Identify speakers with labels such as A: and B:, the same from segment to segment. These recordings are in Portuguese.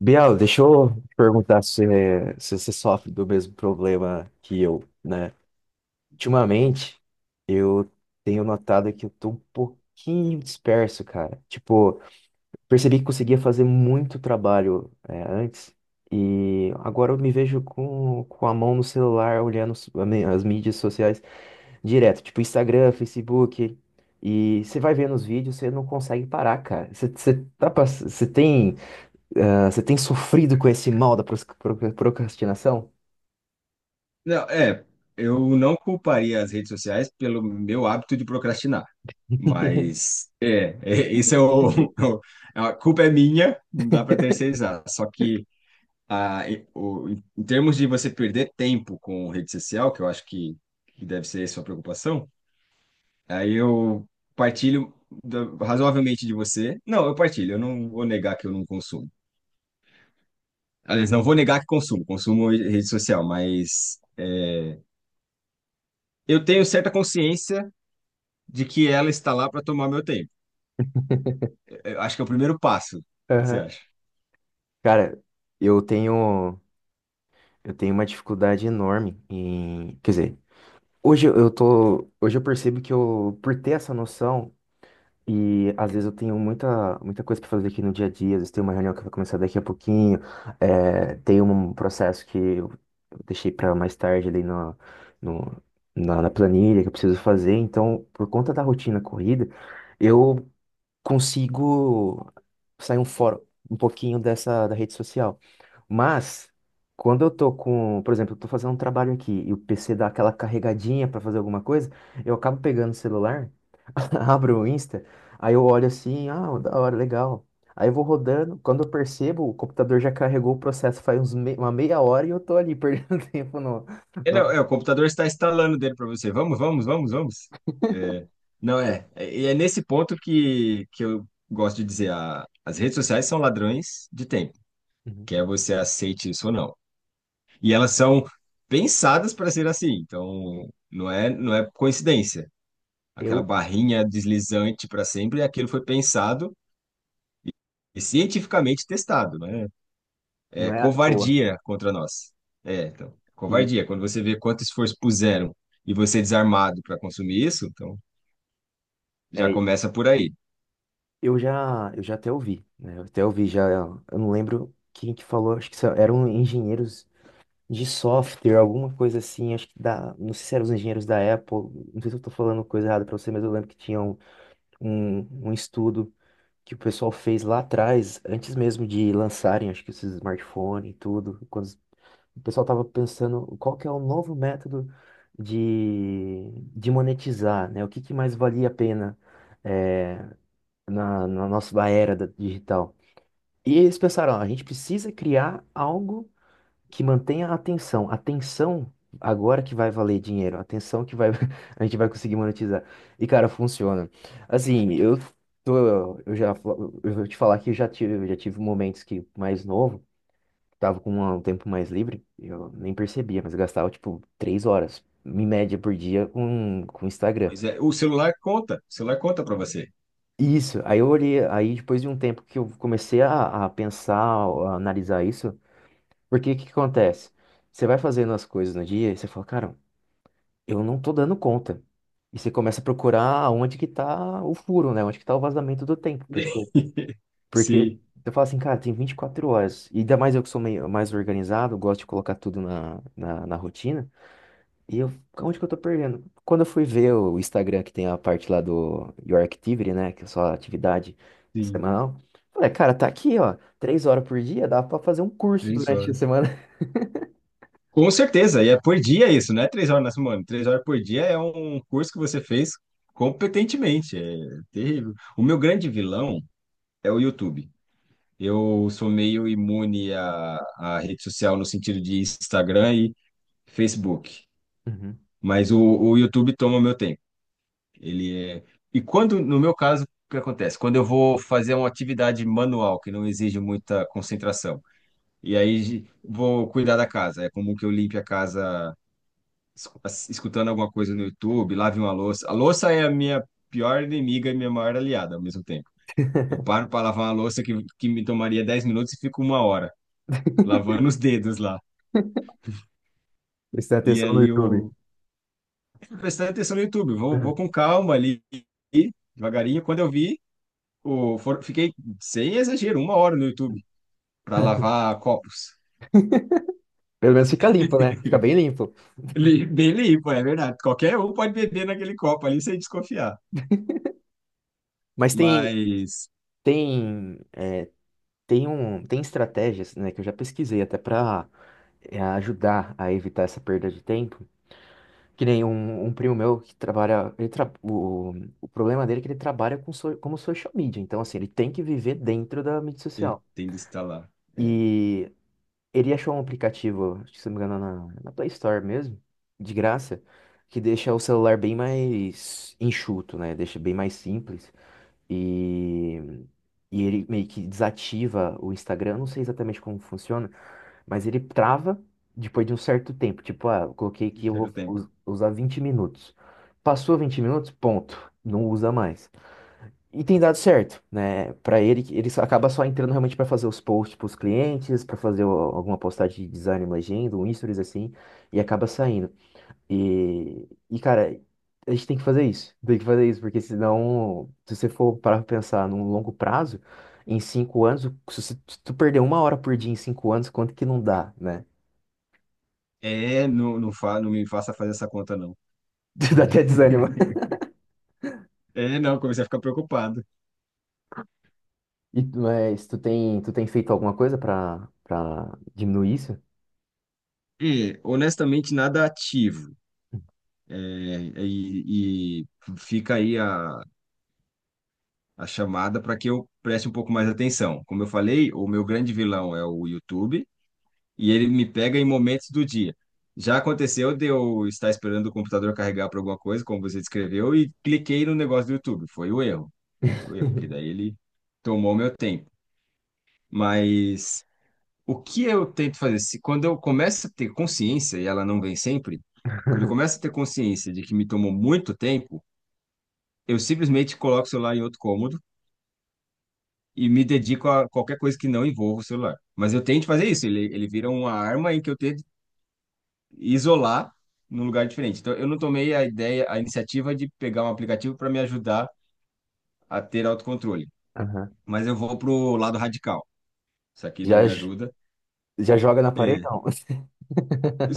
A: Biel, deixa eu te perguntar se você sofre do mesmo problema que eu, né? Ultimamente, eu tenho notado que eu tô um pouquinho disperso, cara. Tipo, percebi que conseguia fazer muito trabalho, antes, e agora eu me vejo com a mão no celular, olhando as mídias sociais direto, tipo Instagram, Facebook. E você vai vendo os vídeos, você não consegue parar, cara. Você tem. Ah, você tem sofrido com esse mal da procrastinação?
B: Não, eu não culparia as redes sociais pelo meu hábito de procrastinar, mas a culpa é minha, não dá para terceirizar. Só que em termos de você perder tempo com rede social, que eu acho que deve ser a sua preocupação, aí eu partilho razoavelmente de você. Não, eu partilho, eu não vou negar que eu não consumo. Aliás, não vou negar que consumo, consumo rede social, mas é, eu tenho certa consciência de que ela está lá para tomar meu tempo. Eu acho que é o primeiro passo. O que que você
A: Aham.
B: acha?
A: Cara, eu tenho eu tenho uma dificuldade enorme em, quer dizer, hoje eu percebo que eu por ter essa noção e às vezes eu tenho muita muita coisa para fazer aqui no dia a dia, às vezes tem uma reunião que vai começar daqui a pouquinho, tem um processo que eu deixei para mais tarde ali na no, na, na planilha que eu preciso fazer, então por conta da rotina corrida, eu consigo sair um fora um pouquinho dessa da rede social. Mas quando eu tô com, por exemplo, eu tô fazendo um trabalho aqui e o PC dá aquela carregadinha para fazer alguma coisa, eu acabo pegando o celular, abro o Insta, aí eu olho assim, ah, da hora, legal. Aí eu vou rodando, quando eu percebo, o computador já carregou o processo faz uma meia hora e eu tô ali perdendo tempo no,
B: É, não,
A: no...
B: é, o computador está instalando dele para você. Vamos, vamos, vamos, vamos. É, não é. E é nesse ponto que eu gosto de dizer: as redes sociais são ladrões de tempo,
A: Uhum.
B: quer você aceite isso ou não. E elas são pensadas para ser assim. Então, não é coincidência. Aquela
A: Eu
B: barrinha deslizante para sempre, aquilo foi pensado e cientificamente testado, né?
A: Não
B: É
A: é à toa.
B: covardia contra nós. É, então,
A: E,
B: covardia. Quando você vê quanto esforço puseram e você é desarmado para consumir isso, então já
A: é
B: começa por aí.
A: eu já até ouvi, né? Eu até ouvi já, eu não lembro quem que falou, acho que eram engenheiros de software, alguma coisa assim, acho que não sei se eram os engenheiros da Apple, não sei se eu tô falando coisa errada pra você, mas eu lembro que tinha um, um estudo que o pessoal fez lá atrás, antes mesmo de lançarem, acho que esses smartphones e tudo, quando o pessoal tava pensando qual que é o novo método de monetizar, né? O que que mais valia a pena? eh, na nossa era digital. E eles pensaram, ó, a gente precisa criar algo que mantenha a atenção. Atenção agora que vai valer dinheiro, atenção que vai a gente vai conseguir monetizar. E cara, funciona. Assim, tô, eu já fa- eu vou te falar que eu já tive momentos que mais novo, tava com um tempo mais livre, eu nem percebia, mas eu gastava tipo 3 horas em média por dia com o Instagram.
B: Pois é, o celular conta para você.
A: Isso, aí eu olhei, aí depois de um tempo que eu comecei a pensar, a analisar isso, porque o que que acontece? Você vai fazendo as coisas no dia e você fala, cara, eu não tô dando conta. E você começa a procurar onde que tá o furo, né? Onde que tá o vazamento do tempo, porque, porque
B: Sim,
A: você fala assim, cara, tem 24 horas. E ainda mais eu que sou meio mais organizado, gosto de colocar tudo na rotina. E eu, Onde que eu tô perdendo? Quando eu fui ver o Instagram, que tem a parte lá do Your Activity, né? Que é só atividade
B: sim,
A: semanal. Falei, cara, tá aqui, ó. 3 horas por dia, dá pra fazer um curso
B: três
A: durante a
B: horas.
A: semana.
B: Com certeza, e é por dia isso, não é 3 horas na semana. 3 horas por dia é um curso que você fez competentemente, é terrível. O meu grande vilão é o YouTube. Eu sou meio imune à, à rede social no sentido de Instagram e Facebook. Mas o YouTube toma meu tempo. Ele é... E quando, no meu caso, o que acontece? Quando eu vou fazer uma atividade manual que não exige muita concentração, e aí vou cuidar da casa. É comum que eu limpe a casa escutando alguma coisa no YouTube, lave uma louça. A louça é a minha pior inimiga e minha maior aliada ao mesmo tempo. Eu paro para lavar uma louça que me tomaria 10 minutos e fico uma hora lavando os dedos lá.
A: Uhum. Prestar
B: E
A: atenção no
B: aí eu,
A: YouTube.
B: prestando atenção no YouTube. Vou, vou com calma ali, devagarinho. Quando eu vi, fiquei, sem exagero, uma hora no YouTube para
A: Uhum.
B: lavar copos.
A: Pelo menos fica limpo, né? Fica bem limpo.
B: Bem limpo, é verdade. Qualquer um pode beber naquele copo ali sem desconfiar.
A: Mas
B: Mas
A: tem, tem estratégias, né? Que eu já pesquisei até pra ajudar a evitar essa perda de tempo. Que nem um primo meu que trabalha. O problema dele é que ele trabalha com como social media. Então, assim, ele tem que viver dentro da mídia
B: ele
A: social.
B: tem de estar lá. É,
A: E ele achou um aplicativo, acho que se não me engano, na Play Store mesmo, de graça, que deixa o celular bem mais enxuto, né? Deixa bem mais simples. E, e ele meio que desativa o Instagram. Eu não sei exatamente como funciona, mas ele trava depois de um certo tempo. Tipo, ah, eu coloquei
B: um
A: que eu vou
B: certo tempo.
A: usar 20 minutos. Passou 20 minutos, ponto. Não usa mais. E tem dado certo, né? Para ele, ele acaba só entrando realmente para fazer os posts para os clientes, para fazer alguma postagem de design, uma agenda, um stories assim, e acaba saindo. E cara, a gente tem que fazer isso. Tem que fazer isso, porque senão, se você for parar para pensar num longo prazo, em 5 anos, se tu perder 1 hora por dia em 5 anos, quanto que não dá, né?
B: Não, não me faça fazer essa conta, não.
A: Dá até desânimo.
B: É, não, comecei a ficar preocupado.
A: E, mas tu tem feito alguma coisa pra diminuir isso?
B: E, honestamente, nada ativo. É, e fica aí a chamada para que eu preste um pouco mais atenção. Como eu falei, o meu grande vilão é o YouTube e ele me pega em momentos do dia. Já aconteceu de eu estar esperando o computador carregar para alguma coisa, como você descreveu, e cliquei no negócio do YouTube. Foi o erro, porque daí ele tomou meu tempo. Mas o que eu tento fazer? Se, quando eu começo a ter consciência, e ela não vem sempre, quando eu começo a ter consciência de que me tomou muito tempo, eu simplesmente coloco o celular em outro cômodo e me dedico a qualquer coisa que não envolva o celular. Mas eu tento fazer isso, ele vira uma arma em que eu tento isolar num lugar diferente. Então, eu não tomei a ideia, a iniciativa de pegar um aplicativo para me ajudar a ter autocontrole,
A: Aham.
B: mas eu vou pro lado radical. Isso aqui não
A: Já,
B: me ajuda.
A: já joga na parede?
B: É.
A: Não.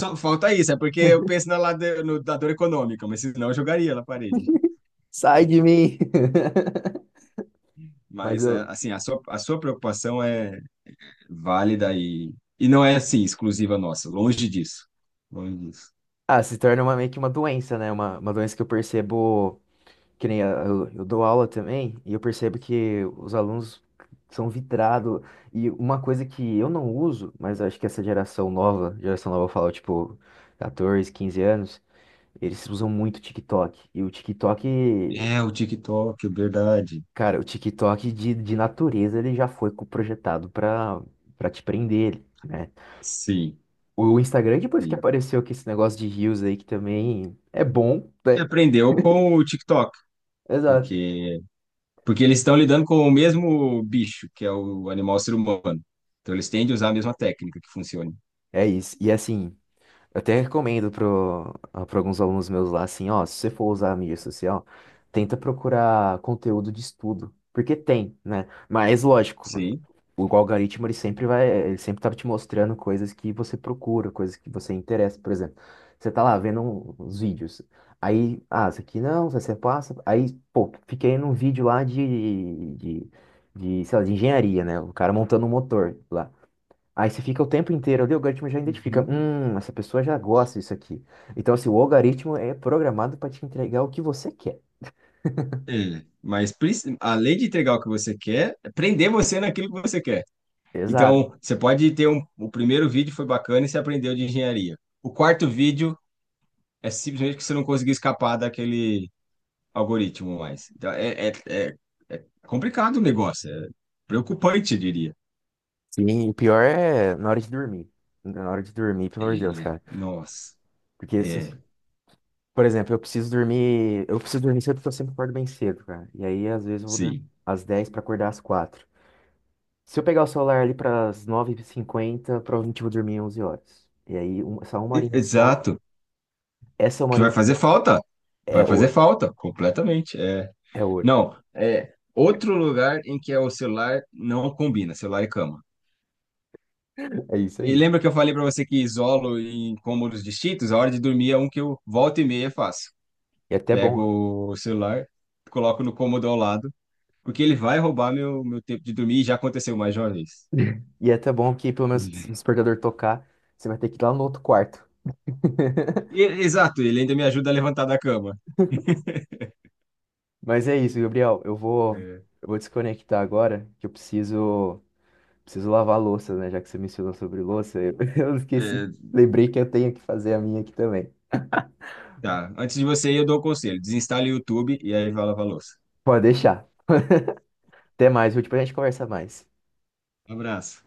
B: Só falta isso, é porque eu penso na lado, no, da dor econômica, mas senão eu jogaria na parede.
A: Sai de mim! Mas eu.
B: A sua preocupação é válida e não é, assim, exclusiva nossa, longe disso. Longe disso.
A: Ah, se torna uma, meio que uma doença, né? Uma doença que eu percebo. Que nem eu dou aula também, e eu percebo que os alunos são vitrados. E uma coisa que eu não uso, mas acho que essa geração nova eu falo, tipo, 14, 15 anos. Eles usam muito TikTok. E o TikTok,
B: É, o TikTok, verdade.
A: cara, o TikTok de natureza ele já foi projetado pra te prender, né?
B: Sim,
A: O Instagram, depois que
B: sim.
A: apareceu com esse negócio de Reels aí, que também é bom,
B: Que
A: né?
B: aprendeu com o TikTok,
A: Exato.
B: porque porque eles estão lidando com o mesmo bicho, que é o animal ser humano. Então eles tendem a usar a mesma técnica que funciona.
A: É isso. E assim, eu até recomendo pra alguns alunos meus lá, assim, ó, se você for usar a mídia social, tenta procurar conteúdo de estudo. Porque tem, né? Mas lógico.
B: Sim,
A: O algoritmo, ele sempre tá te mostrando coisas que você procura, coisas que você interessa. Por exemplo, você tá lá vendo uns vídeos. Aí, ah, isso aqui não, isso aqui você passa. Aí, pô, fiquei num vídeo lá sei lá, de engenharia, né? O cara montando um motor lá. Aí você fica o tempo inteiro ali, o algoritmo já identifica,
B: uhum.
A: essa pessoa já gosta disso aqui. Então, assim, o algoritmo é programado para te entregar o que você quer.
B: Mas além de entregar o que você quer, é prender você naquilo que você quer.
A: Exato.
B: Então, você pode ter um. O primeiro vídeo foi bacana e você aprendeu de engenharia. O quarto vídeo é simplesmente que você não conseguiu escapar daquele algoritmo mais. Então, é complicado o negócio, é preocupante, eu diria.
A: Sim, o pior é na hora de dormir. Na hora de dormir, pelo amor de Deus,
B: É.
A: cara.
B: Nossa,
A: Porque se,
B: é,
A: Por exemplo, eu preciso dormir. Eu preciso dormir cedo porque eu sempre acordo bem cedo, cara. E aí, às vezes, eu vou dormir
B: sim.
A: às 10h pra acordar às quatro. Se eu pegar o celular ali pras 9h50 provavelmente eu vou dormir 11h. E aí, só uma horinha de sono.
B: Exato.
A: Essa uma
B: Que vai
A: horinha de
B: fazer
A: sono
B: falta. Vai
A: é
B: fazer
A: ouro.
B: falta, completamente. É.
A: É ouro.
B: Não, é outro lugar em que é o celular não combina, celular e cama.
A: É isso
B: E
A: aí.
B: lembra que eu falei para você que isolo em cômodos distintos? A hora de dormir é um que eu volta e meia faço.
A: E é até bom.
B: Pego o celular, coloco no cômodo ao lado, porque ele vai roubar meu tempo de dormir e já aconteceu mais de uma vez.
A: E é até bom que, pelo menos, se o despertador tocar, você vai ter que ir lá no outro quarto.
B: Exato, ele ainda me ajuda a levantar da cama.
A: Mas é isso, Gabriel. Eu vou,
B: É.
A: eu vou desconectar agora, que eu preciso. Preciso lavar a louça, né? Já que você mencionou sobre louça, eu, eu esqueci.
B: É,
A: Lembrei que eu tenho que fazer a minha aqui também.
B: tá, antes de você ir, eu dou o conselho: desinstale o YouTube e aí vai lavar a louça.
A: Pode deixar. Até mais, viu? Depois a gente conversar mais.
B: Abraço.